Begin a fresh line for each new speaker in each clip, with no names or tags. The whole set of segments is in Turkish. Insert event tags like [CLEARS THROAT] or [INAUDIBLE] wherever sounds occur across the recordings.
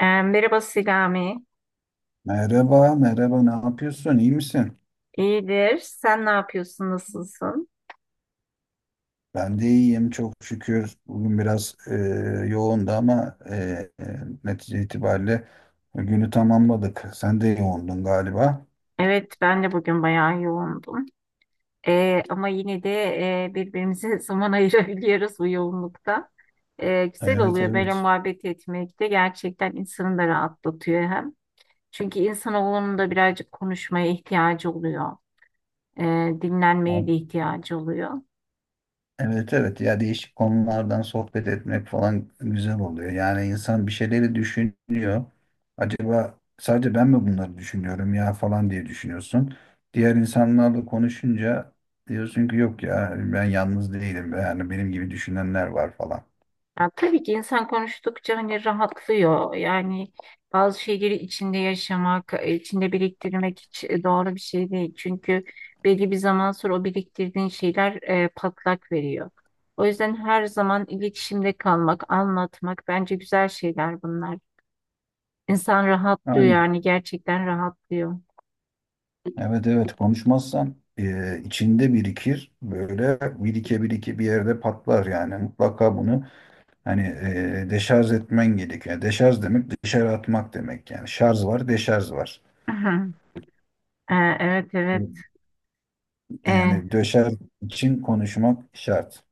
Merhaba Selami.
Merhaba, merhaba. Ne yapıyorsun? İyi misin?
İyidir. Sen ne yapıyorsun? Nasılsın?
Ben de iyiyim, çok şükür. Bugün biraz yoğundu ama e, netice itibariyle günü tamamladık. Sen de yoğundun galiba.
Evet, ben de bugün bayağı yoğundum. Ama yine de birbirimize [LAUGHS] zaman ayırabiliyoruz bu yoğunlukta. Güzel
Evet,
oluyor böyle
evet.
muhabbet etmek de gerçekten insanı da rahatlatıyor hem. Çünkü insanoğlunun da birazcık konuşmaya ihtiyacı oluyor. e, Dinlenmeye de ihtiyacı oluyor.
Evet, evet, ya değişik konulardan sohbet etmek falan güzel oluyor. Yani insan bir şeyleri düşünüyor. Acaba sadece ben mi bunları düşünüyorum ya falan diye düşünüyorsun. Diğer insanlarla konuşunca diyorsun ki yok ya ben yalnız değilim. Yani benim gibi düşünenler var falan.
Ya tabii ki insan konuştukça hani rahatlıyor. Yani bazı şeyleri içinde yaşamak, içinde biriktirmek hiç doğru bir şey değil. Çünkü belli bir zaman sonra o biriktirdiğin şeyler patlak veriyor. O yüzden her zaman iletişimde kalmak, anlatmak bence güzel şeyler bunlar. İnsan rahatlıyor
Aynen.
yani gerçekten rahatlıyor.
Evet, evet, konuşmazsan içinde birikir. Böyle birike birike bir yerde patlar yani. Mutlaka bunu hani, deşarj etmen gerekiyor. Yani deşarj demek dışarı atmak demek yani. Şarj var, deşarj var.
Aha. Ee, evet, evet. Ee,
Yani döşer için konuşmak şart.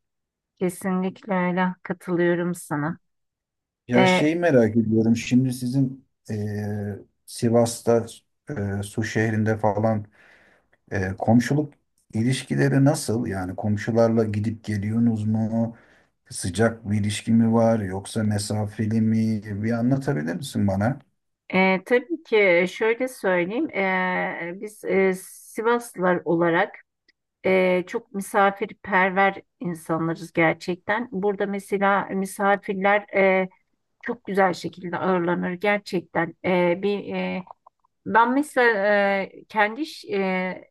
Kesinlikle öyle, katılıyorum sana.
Ya
Ee,
şeyi merak ediyorum. Şimdi sizin Sivas'ta Su şehrinde falan komşuluk ilişkileri nasıl? Yani komşularla gidip geliyorsunuz mu? Sıcak bir ilişki mi var yoksa mesafeli mi? Bir anlatabilir misin bana?
tabii ki şöyle söyleyeyim. Biz Sivaslılar olarak çok misafirperver insanlarız gerçekten. Burada mesela misafirler çok güzel şekilde ağırlanır gerçekten. Ben mesela e, kendi ş- e,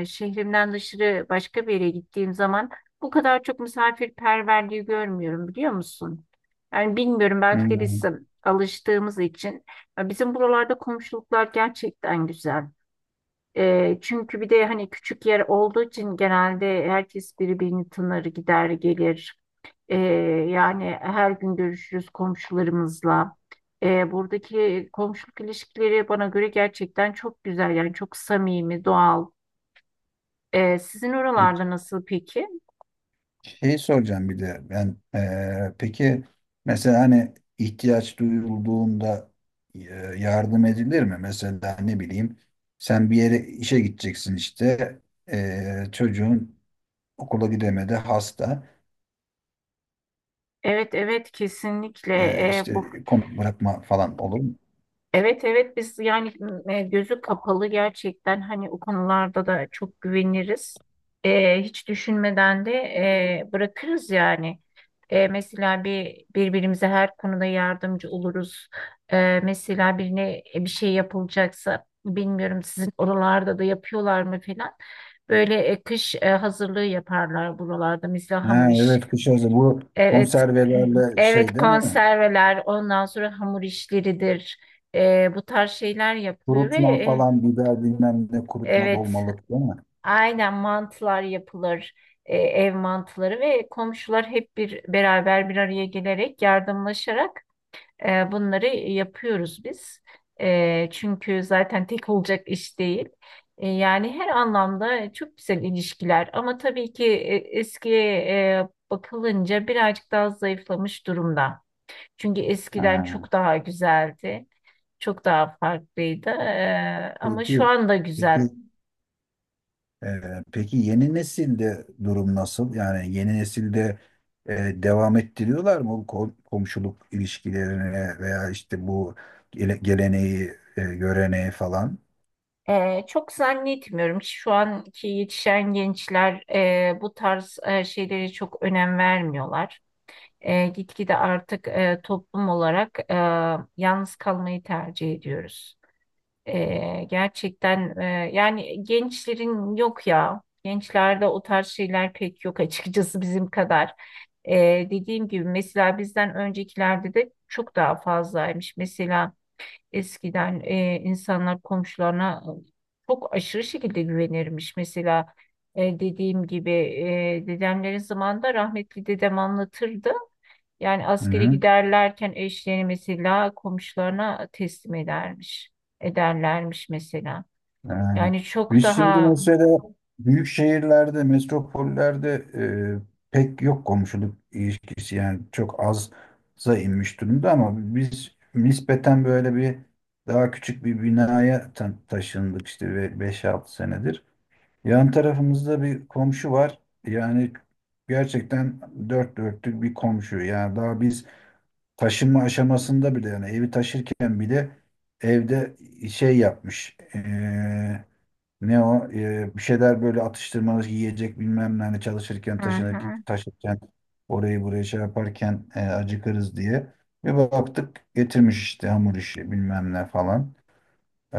e, şehrimden dışarı başka bir yere gittiğim zaman bu kadar çok misafirperverliği görmüyorum biliyor musun? Yani bilmiyorum, belki de biz
Hmm.
alıştığımız için. Bizim buralarda komşuluklar gerçekten güzel. Çünkü bir de hani küçük yer olduğu için genelde herkes birbirini tanır, gider gelir. E, Yani her gün görüşürüz komşularımızla. Buradaki komşuluk ilişkileri bana göre gerçekten çok güzel. Yani çok samimi, doğal. Sizin
Peki,
oralarda nasıl peki?
şey soracağım bir de ben peki mesela hani ihtiyaç duyulduğunda yardım edilir mi? Mesela ne bileyim sen bir yere işe gideceksin işte çocuğun okula gidemedi, hasta.
Evet, evet, kesinlikle. Bu
İşte komut bırakma falan olur mu?
Evet, evet, biz yani gözü kapalı gerçekten hani o konularda da çok güveniriz. Hiç düşünmeden de bırakırız yani. E, mesela birbirimize her konuda yardımcı oluruz. Mesela birine bir şey yapılacaksa bilmiyorum sizin oralarda da yapıyorlar mı falan. Böyle kış hazırlığı yaparlar buralarda. Mesela
Ha,
hamur iş.
evet, kış hazır bu
Evet, [CLEARS THROAT]
konservelerle şey
evet
değil mi?
konserveler, ondan sonra hamur işleridir. Bu tarz şeyler yapılıyor ve
Kurutma falan, biber bilmem ne kurutma,
evet,
dolmalık değil mi?
aynen mantılar yapılır. Ev mantıları ve komşular hep bir beraber bir araya gelerek yardımlaşarak bunları yapıyoruz biz. Çünkü zaten tek olacak iş değil. Yani her anlamda çok güzel ilişkiler. Ama tabii ki eskiye bakılınca birazcık daha zayıflamış durumda. Çünkü eskiden
Ha,
çok daha güzeldi. Çok daha farklıydı. Ama şu
peki,
anda
peki
güzel.
peki, yeni nesilde durum nasıl? Yani yeni nesilde e, devam ettiriyorlar mı bu komşuluk ilişkilerini veya işte bu geleneği, göreneği falan?
Çok zannetmiyorum ki şu anki yetişen gençler bu tarz şeylere çok önem vermiyorlar. Gitgide artık toplum olarak yalnız kalmayı tercih ediyoruz. Gerçekten yani gençlerin, yok ya. Gençlerde o tarz şeyler pek yok açıkçası bizim kadar. Dediğim gibi mesela bizden öncekilerde de çok daha fazlaymış. Mesela eskiden insanlar komşularına çok aşırı şekilde güvenirmiş. Mesela dediğim gibi dedemlerin zamanında rahmetli dedem anlatırdı. Yani
Hı
askeri
hı.
giderlerken eşlerini mesela komşularına teslim edermiş. Ederlermiş mesela.
Ee,
Yani çok
Biz şimdi
daha.
mesela büyük şehirlerde, metropollerde pek yok komşuluk ilişkisi, yani çok azza inmiş durumda, ama biz nispeten böyle bir daha küçük bir binaya taşındık işte 5-6 senedir. Yan tarafımızda bir komşu var. Yani gerçekten dört dörtlük bir komşu. Yani daha biz taşınma aşamasında bile, yani evi taşırken bile, evde şey yapmış. Ne o? Bir şeyler, böyle atıştırmalık yiyecek bilmem ne, hani çalışırken
Hı
taşınır,
hı.
taşırken orayı buraya şey yaparken acıkırız diye. Bir baktık getirmiş işte hamur işi bilmem ne falan. Ee,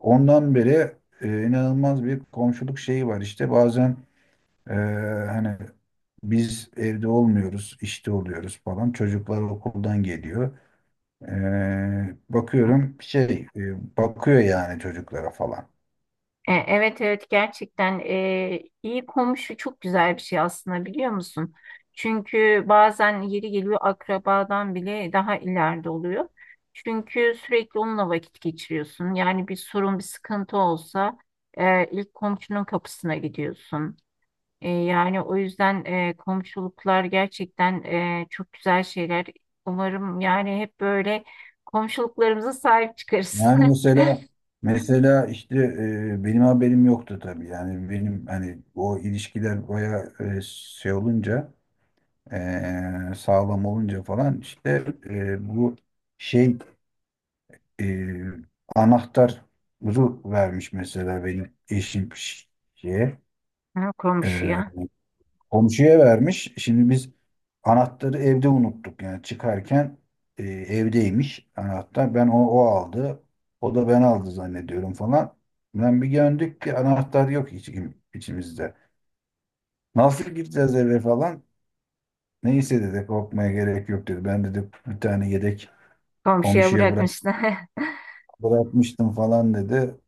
Ondan beri inanılmaz bir komşuluk şeyi var. İşte bazen e, hani biz evde olmuyoruz, işte oluyoruz falan, çocuklar okuldan geliyor. Bakıyorum şey, bakıyor yani çocuklara falan.
Evet, evet, gerçekten iyi komşu çok güzel bir şey aslında, biliyor musun? Çünkü bazen yeri geliyor akrabadan bile daha ileride oluyor. Çünkü sürekli onunla vakit geçiriyorsun. Yani bir sorun bir sıkıntı olsa ilk komşunun kapısına gidiyorsun. Yani o yüzden komşuluklar gerçekten çok güzel şeyler. Umarım yani hep böyle komşuluklarımıza sahip çıkarız.
Yani
[LAUGHS]
mesela, işte benim haberim yoktu tabii. Yani benim, hani o ilişkiler baya şey olunca, sağlam olunca falan, işte bu şey, e, anahtarı vermiş mesela benim eşim şeye.
Ha,
e,
komşuya.
Komşuya vermiş. Şimdi biz anahtarı evde unuttuk. Yani çıkarken evdeymiş anahtar. Ben o aldı. O da ben aldı zannediyorum falan. Ben bir döndük ki anahtar yok hiç, içimizde. Nasıl gireceğiz eve falan? Neyse, dedi, korkmaya gerek yok dedi. Ben dedi bir tane yedek
Komşuya
komşuya
bırakmışlar. [LAUGHS]
bırakmıştım falan dedi.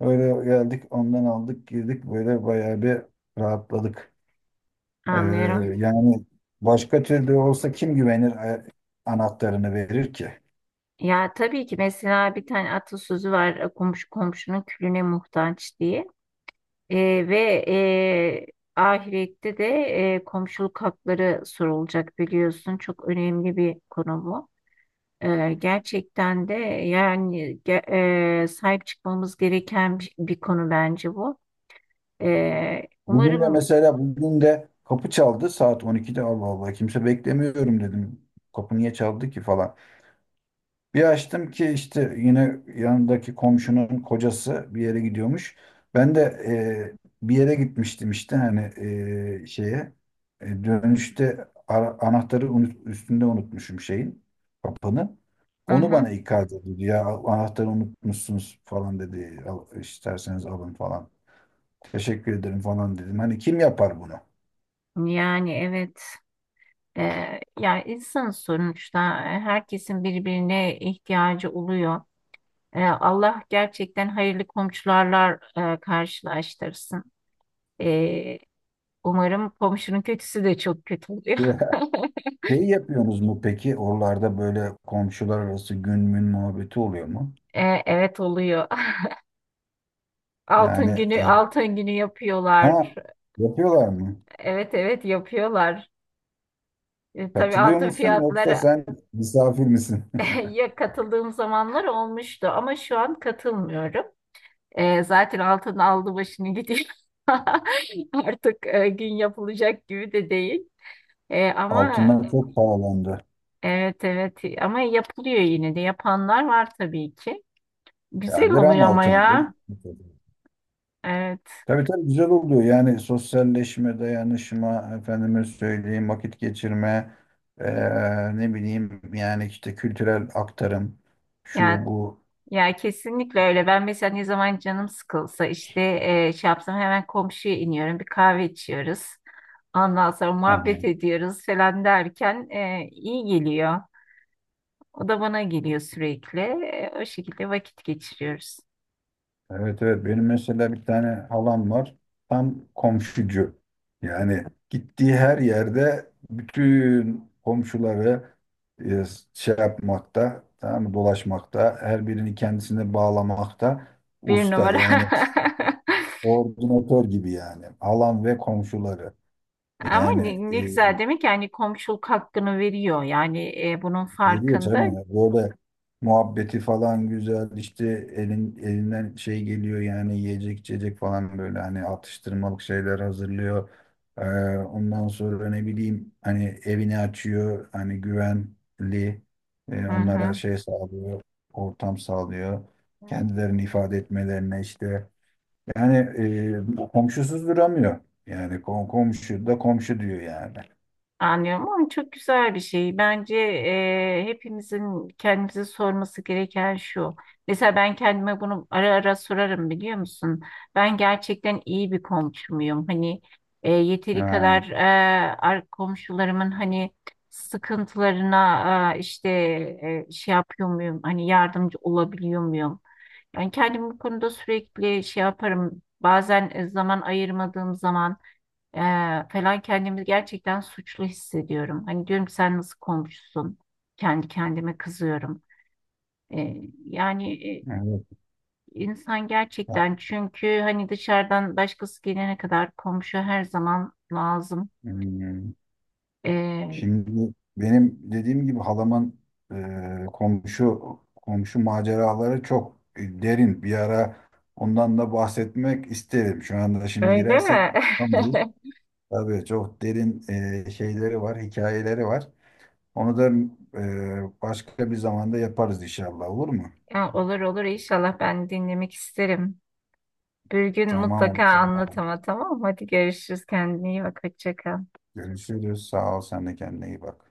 Öyle geldik, ondan aldık, girdik, böyle bayağı bir rahatladık. Ee,
Anlıyorum.
Yani başka türlü olsa kim güvenir, anahtarını verir ki?
Ya tabii ki mesela bir tane atasözü var. Komşu komşunun külüne muhtaç" diye. E, ve e, Ahirette de komşuluk hakları sorulacak, biliyorsun. Çok önemli bir konu bu. Gerçekten de yani sahip çıkmamız gereken bir konu bence bu. Ee,
Bugün de
umarım
mesela, bugün de kapı çaldı saat 12'de. Allah Allah, kimse beklemiyorum dedim. Kapı niye çaldı ki falan. Bir açtım ki işte yine yanındaki komşunun kocası bir yere gidiyormuş. Ben de bir yere gitmiştim işte, hani şeye. Dönüşte anahtarı üstünde unutmuşum şeyin, kapının.
Hı
Onu
hı,
bana ikaz ediyordu. Ya, anahtarı unutmuşsunuz falan dedi. Al, isterseniz alın falan. Teşekkür ederim falan dedim. Hani kim yapar bunu?
yani evet. Yani insan sonuçta herkesin birbirine ihtiyacı oluyor. Allah gerçekten hayırlı komşularla karşılaştırsın. Ee, Umarım. Komşunun kötüsü de çok kötü oluyor. [LAUGHS]
[LAUGHS] Şeyi yapıyorsunuz mu peki? Oralarda böyle komşular arası gün mün muhabbeti oluyor mu?
Evet, oluyor. [LAUGHS]
Yani
Altın
e,
günü altın günü yapıyorlar.
ha, yapıyorlar mı?
Evet, evet, yapıyorlar. Tabii
Katılıyor
altın
musun yoksa
fiyatları.
sen misafir misin?
[LAUGHS] Ya katıldığım zamanlar olmuştu ama şu an katılmıyorum. Zaten altın aldı başını gidiyor. [LAUGHS] Artık gün yapılacak gibi de değil. E,
[LAUGHS]
ama
Altınlar çok pahalandı.
Evet, evet, ama yapılıyor yine de, yapanlar var tabii ki.
Ya
Güzel oluyor
gram
ama
altın olur.
ya. Evet.
Tabii, tabii, güzel oluyor. Yani sosyalleşme, dayanışma, efendime söyleyeyim, vakit geçirme, ne bileyim yani işte kültürel aktarım, şu
Ya,
bu.
ya kesinlikle öyle. Ben mesela ne zaman canım sıkılsa işte şey yapsam hemen komşuya iniyorum. Bir kahve içiyoruz. Ondan sonra muhabbet ediyoruz falan derken iyi geliyor. O da bana geliyor sürekli. O şekilde vakit geçiriyoruz.
Evet, evet, benim mesela bir tane halam var, tam komşucu. Yani gittiği her yerde bütün komşuları e, şey yapmakta, tamam mı, dolaşmakta, her birini kendisine bağlamakta
Bir
usta
numara.
yani.
[LAUGHS]
Koordinatör gibi yani, halam ve komşuları.
Ama
Yani
ne, ne güzel, demek yani komşuluk hakkını veriyor. Yani bunun
veriyor tabii.
farkında.
Ya, böyle muhabbeti falan güzel. İşte elin, elinden şey geliyor yani, yiyecek içecek falan, böyle hani atıştırmalık şeyler hazırlıyor. Ee, Ondan sonra, ne bileyim, hani evini açıyor. Hani güvenli onlara
Hı
şey sağlıyor. Ortam sağlıyor.
hı.
Kendilerini ifade etmelerine, işte. Yani komşusuz duramıyor. Yani komşu da komşu diyor yani.
Anlıyorum, ama çok güzel bir şey. Bence hepimizin kendimize sorması gereken şu: mesela ben kendime bunu ara ara sorarım, biliyor musun? Ben gerçekten iyi bir komşu muyum? Hani yeteri
Ha,
kadar komşularımın hani sıkıntılarına işte şey yapıyor muyum? Hani yardımcı olabiliyor muyum? Ben kendimi bu konuda sürekli şey yaparım. Bazen zaman ayırmadığım zaman ee, falan kendimi gerçekten suçlu hissediyorum. Hani diyorum ki sen nasıl komşusun? Kendi kendime kızıyorum. Ee, yani e,
evet.
insan
Ha,
gerçekten, çünkü hani dışarıdan başkası gelene kadar komşu her zaman lazım.
hmm.
Ee,
Şimdi benim dediğim gibi halamın komşu komşu maceraları çok derin. Bir ara ondan da bahsetmek isterim. Şu anda şimdi
Öyle
girersek
mi?
tam bu.
[LAUGHS]
Tabii çok derin şeyleri var, hikayeleri var. Onu da başka bir zamanda yaparız inşallah, olur mu?
Ya, olur olur, inşallah ben dinlemek isterim. Bir gün
Tamam
mutlaka
o
anlat
zaman.
ama. Tamam, hadi görüşürüz. Kendine iyi bak. Hoşça kal.
Görüşürüz. Sağ ol. Sen de kendine iyi bak.